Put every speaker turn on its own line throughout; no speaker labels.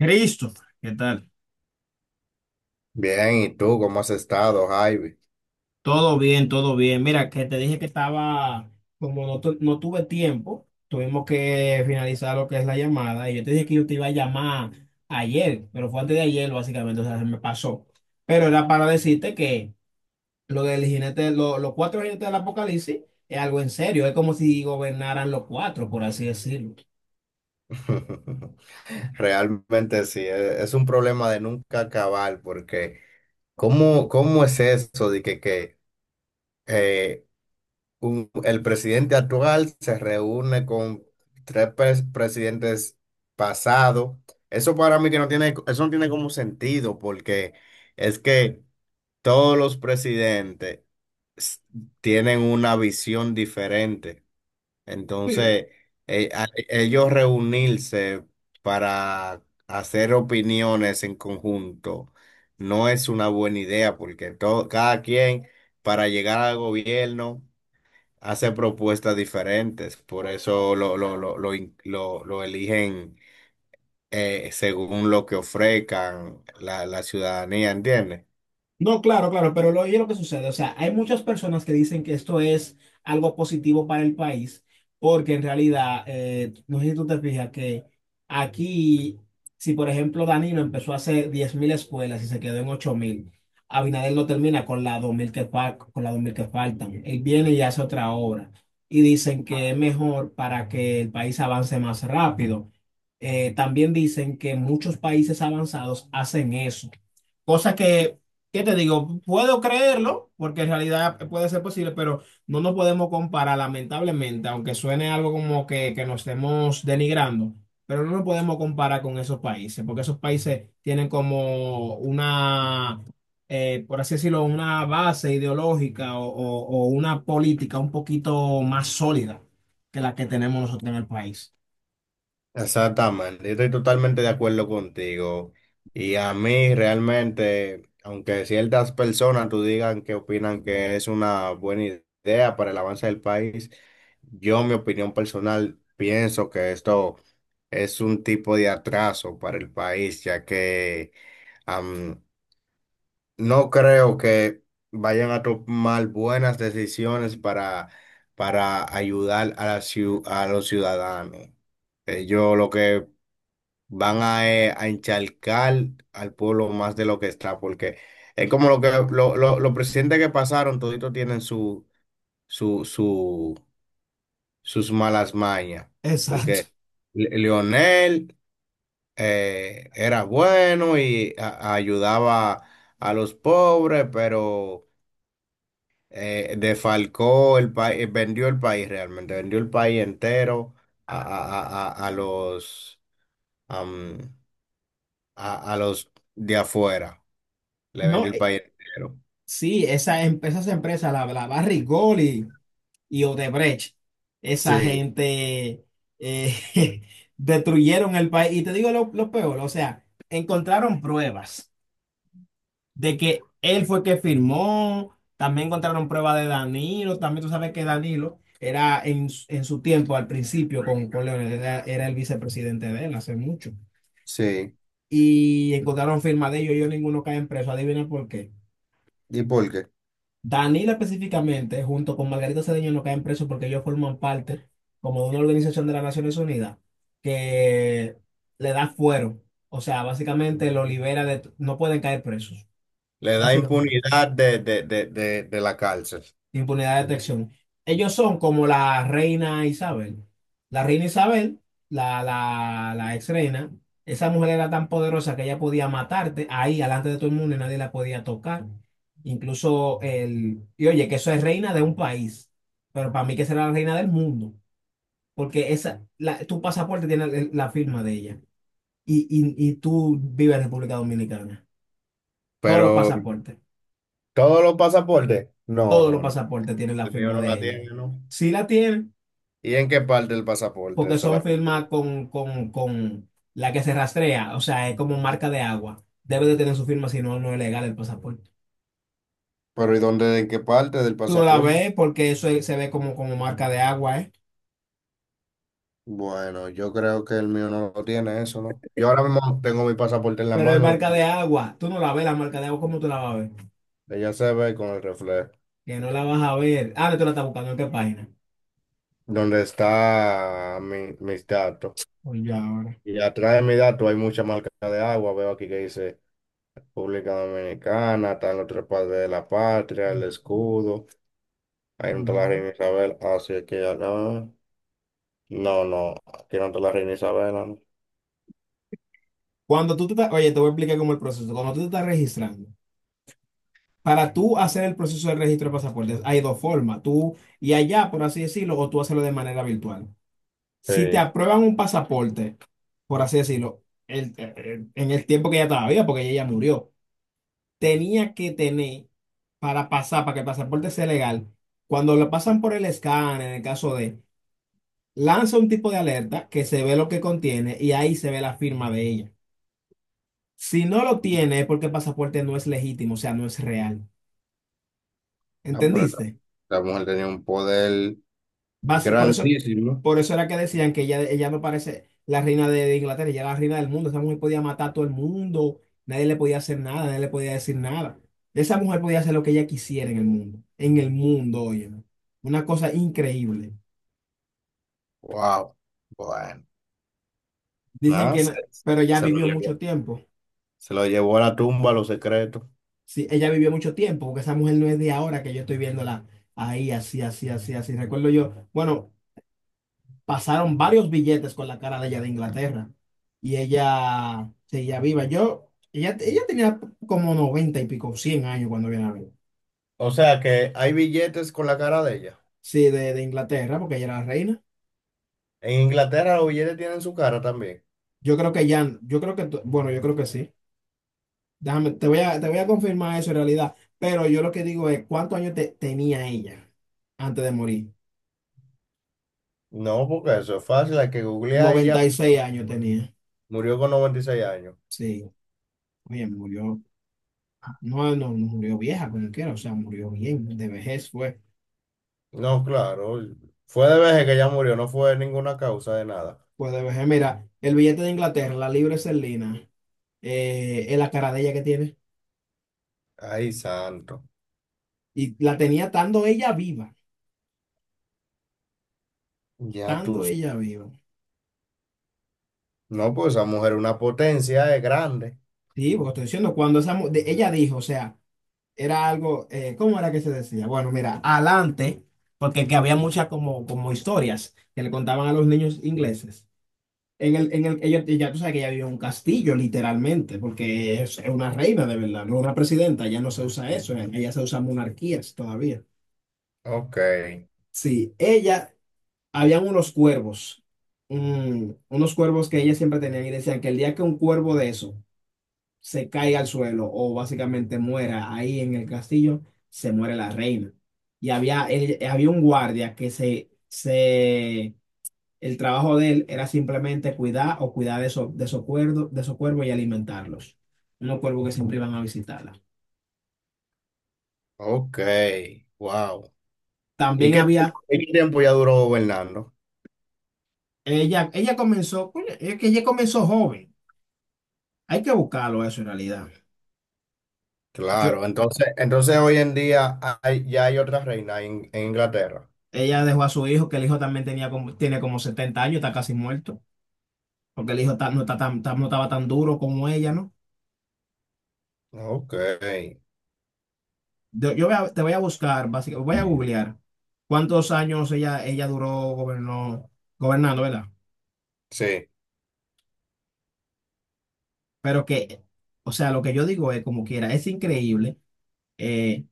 Christopher, ¿qué tal?
Bien, ¿y tú cómo has estado, Javi?
Todo bien, todo bien. Mira, que te dije que estaba, como no, no tuve tiempo, tuvimos que finalizar lo que es la llamada y yo te dije que yo te iba a llamar ayer, pero fue antes de ayer, básicamente, o sea, se me pasó. Pero era para decirte que lo del jinete, los cuatro jinetes del apocalipsis es algo en serio, es como si gobernaran los cuatro, por así decirlo.
Realmente sí, es un problema de nunca acabar, porque ¿cómo, cómo es eso de que eh, el presidente actual se reúne con tres presidentes pasados? Eso para mí que no tiene, eso no tiene como sentido, porque es que todos los presidentes s- tienen una visión diferente. Entonces, ellos reunirse para hacer opiniones en conjunto no es una buena idea porque todo, cada quien para llegar al gobierno hace propuestas diferentes. Por eso lo eligen según lo que ofrezcan la ciudadanía, ¿entiendes?
No, claro, claro, pero oye lo que sucede, o sea, hay muchas personas que dicen que esto es algo positivo para el país, porque en realidad, no sé si tú te fijas que aquí, si por ejemplo Danilo empezó a hacer 10.000 escuelas y se quedó en 8.000. Abinader no termina con las 2.000 con las 2.000 que faltan, él viene y hace otra obra, y dicen que es mejor para que el país avance más rápido. También dicen que muchos países avanzados hacen eso, cosa que, ¿qué te digo? Puedo creerlo, porque en realidad puede ser posible, pero no nos podemos comparar, lamentablemente, aunque suene algo como que nos estemos denigrando, pero no nos podemos comparar con esos países, porque esos países tienen como por así decirlo, una base ideológica o una política un poquito más sólida que la que tenemos nosotros en el país.
Exactamente, yo estoy totalmente de acuerdo contigo. Y a mí realmente, aunque ciertas personas tú digan que opinan que es una buena idea para el avance del país, yo, mi opinión personal, pienso que esto es un tipo de atraso para el país, ya que am, no creo que vayan a tomar buenas decisiones para ayudar a los ciudadanos. Yo lo que van a encharcar al pueblo más de lo que está, porque es como lo que los presidentes que pasaron, toditos tienen su, su, sus malas mañas,
Exacto.
porque Leonel era bueno y ayudaba a los pobres, pero defalcó el país, vendió el país realmente, vendió el país entero a los, am, a los de afuera. Le
No,
vendió el país entero.
sí, esas empresas, la Barrick Gold y Odebrecht, esa
Sí,
gente eh, destruyeron el país. Y te digo lo peor, o sea, encontraron pruebas de que él fue que firmó, también encontraron pruebas de Danilo, también tú sabes que Danilo era en su tiempo, al principio, con Leonel, era el vicepresidente de él hace mucho.
sí.
Y encontraron firma de ellos ninguno caen preso, adivina por qué.
¿Y por qué?
Danila específicamente, junto con Margarita Cedeño, no caen presos porque ellos forman parte como de una organización de las Naciones Unidas que le da fuero. O sea, básicamente lo libera de. No pueden caer presos,
Le da
básicamente.
impunidad de la cárcel.
Impunidad de detección. Ellos son como la reina Isabel. La reina Isabel, la ex reina, esa mujer era tan poderosa que ella podía matarte ahí, delante de todo el mundo, y nadie la podía tocar. Y oye, que eso es reina de un país, pero para mí que será la reina del mundo, porque esa, tu pasaporte tiene la firma de ella. Y tú vives en República Dominicana. Todos los
Pero
pasaportes,
todos los pasaportes, no,
todos los
no, no.
pasaportes tienen la
El mío
firma
no la
de ella.
tiene, ¿no?
Sí la tiene
¿Y en qué parte del pasaporte?
porque
Esa es
son
la pregunta.
firmas con la que se rastrea, o sea, es como marca de agua. Debe de tener su firma, si no, no es legal el pasaporte.
Pero ¿y dónde, en qué parte del
Tú no la
pasaporte?
ves porque se ve como, como marca de agua, ¿eh?
Bueno, yo creo que el mío no lo tiene eso, ¿no? Yo ahora mismo tengo mi pasaporte en la
Pero es
mano, lo
marca de
que
agua. Tú no la ves, la marca de agua, ¿cómo tú la vas a ver?
ella se ve con el reflejo,
Que no la vas a ver. Ah, no, tú la estás buscando en qué página.
donde está mi- mis datos.
Oye, ahora.
Y atrás de mis datos hay mucha marca de agua, veo aquí que dice República Dominicana, están los tres padres de la patria, el escudo, ahí no está la
Ujú.
reina Isabel, así que acá, no, no, aquí no está la reina Isabel, ¿no?
Cuando tú te estás, oye, te voy a explicar cómo es el proceso. Cuando tú te estás registrando, para tú hacer el proceso de registro de pasaportes, hay dos formas. Tú y allá, por así decirlo, o tú hacerlo de manera virtual. Si te
Sí.
aprueban un pasaporte, por así decirlo, en el tiempo que ella estaba viva, porque ella ya murió, tenía que tener para pasar, para que el pasaporte sea legal, cuando lo pasan por el escáner, en el caso de, lanza un tipo de alerta que se ve lo que contiene y ahí se ve la firma de ella. Si no lo tiene, es porque el pasaporte no es legítimo, o sea, no es real.
Ah,
¿Entendiste?
la mujer tenía un poder
Basi- por eso,
grandísimo.
por eso era que decían que ella no parece la reina de Inglaterra, ella era la reina del mundo. Esa mujer podía matar a todo el mundo, nadie le podía hacer nada, nadie le podía decir nada. Esa mujer podía hacer lo que ella quisiera en el mundo, oye, ¿no? Una cosa increíble.
Wow, bueno,
Dicen
nada,
que,
se,
pero ella
se lo
vivió mucho
llevó,
tiempo.
se lo llevó a la tumba, los secretos.
Sí, ella vivió mucho tiempo, porque esa mujer no es de ahora que yo estoy viéndola ahí, así, así, así, así. Recuerdo yo, bueno. Pasaron varios billetes con la cara de ella de Inglaterra y ella seguía viva. Ella tenía como 90 y pico, 100 años cuando viene a ver.
O sea que hay billetes con la cara de ella.
Sí, de Inglaterra, porque ella era la reina.
En Inglaterra los billetes tienen su cara también.
Yo creo que ya, yo creo que, tú- bueno, yo creo que sí. Déjame, te voy a confirmar eso en realidad, pero yo lo que digo es, ¿cuántos años tenía ella antes de morir?
No, porque eso es fácil, hay que googlear y ya.
96 años tenía.
Murió con 96 años.
Sí, oye, murió, no murió vieja como quiera, o sea, murió bien, de vejez fue.
No, claro. Fue de vejez que ella murió, no fue ninguna causa de nada.
Pues puede ver, mira, el billete de Inglaterra, la libra esterlina, es la cara de ella que tiene.
Ay, santo.
Y la tenía estando ella viva,
Ya tú.
estando ella viva.
No, pues esa mujer es una potencia, es grande.
Sí, porque estoy diciendo, cuando ella dijo, o sea, era algo, ¿cómo era que se decía? Bueno, mira, adelante, porque que había muchas como, como historias que le contaban a los niños ingleses. Ya tú sabes que ella vivió en un castillo, literalmente, porque es una reina de verdad, no una presidenta, ya no se usa eso, ella se usa monarquías todavía.
Ok,
Sí, ella Habían unos cuervos, unos cuervos que ella siempre tenía y decían que el día que un cuervo de eso se caiga al suelo o básicamente muera ahí en el castillo, se muere la reina. Y había un guardia que el trabajo de él era simplemente cuidar o cuidar de esos cuervos y alimentarlos. Unos cuervos que siempre iban a visitarla.
ok, wow.
También había,
Y qué tiempo ya duró gobernando?
ella comenzó, coño, es que ella comenzó joven. Hay que buscarlo eso en realidad. Yo,
Claro, entonces, entonces hoy en día ya hay otra reina en Inglaterra.
Ella dejó a su hijo, que el hijo también tiene como 70 años, está casi muerto, porque el hijo no estaba tan duro como ella, ¿no?
Ok,
Te voy a buscar, básicamente, voy a googlear cuántos años ella duró gobernando, ¿verdad?
sí,
Pero que, o sea, lo que yo digo es como quiera, es increíble. eh,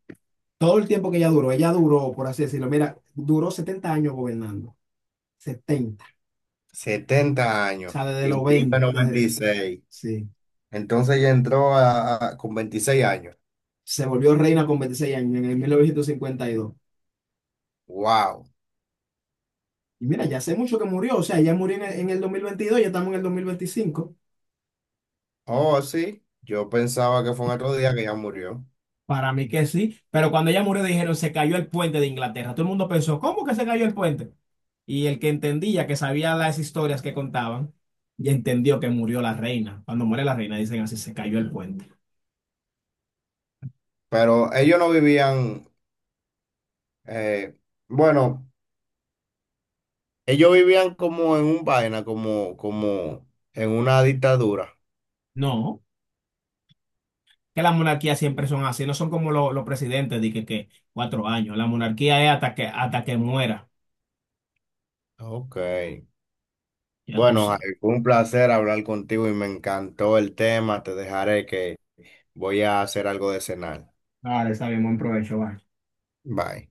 todo el tiempo que ella duró, por así decirlo, mira, duró 70 años gobernando, 70,
70
o
años
sea, desde
y
los
murió en
20
noventa y seis
sí,
Entonces ya entró con 26 años.
se volvió reina con 26 años en el 1952.
Wow.
Y mira, ya hace mucho que murió, o sea, ella murió en el 2022, ya estamos en el 2025.
Oh, sí, yo pensaba que fue un otro día que ya murió,
Para mí que sí, pero cuando ella murió dijeron se cayó el puente de Inglaterra. Todo el mundo pensó, ¿cómo que se cayó el puente? Y el que entendía, que sabía las historias que contaban, y entendió que murió la reina. Cuando muere la reina dicen así, se cayó el puente.
pero ellos no vivían, eh, bueno, ellos vivían como en un vaina, como, como en una dictadura.
No, que las monarquías siempre son así, no son como los presidentes, de que 4 años. La monarquía es hasta que muera,
Ok.
ya tú
Bueno,
sabes.
Jair, fue un placer hablar contigo y me encantó el tema. Te dejaré que voy a hacer algo de cenar.
Ahora está bien, buen provecho, va.
Bye.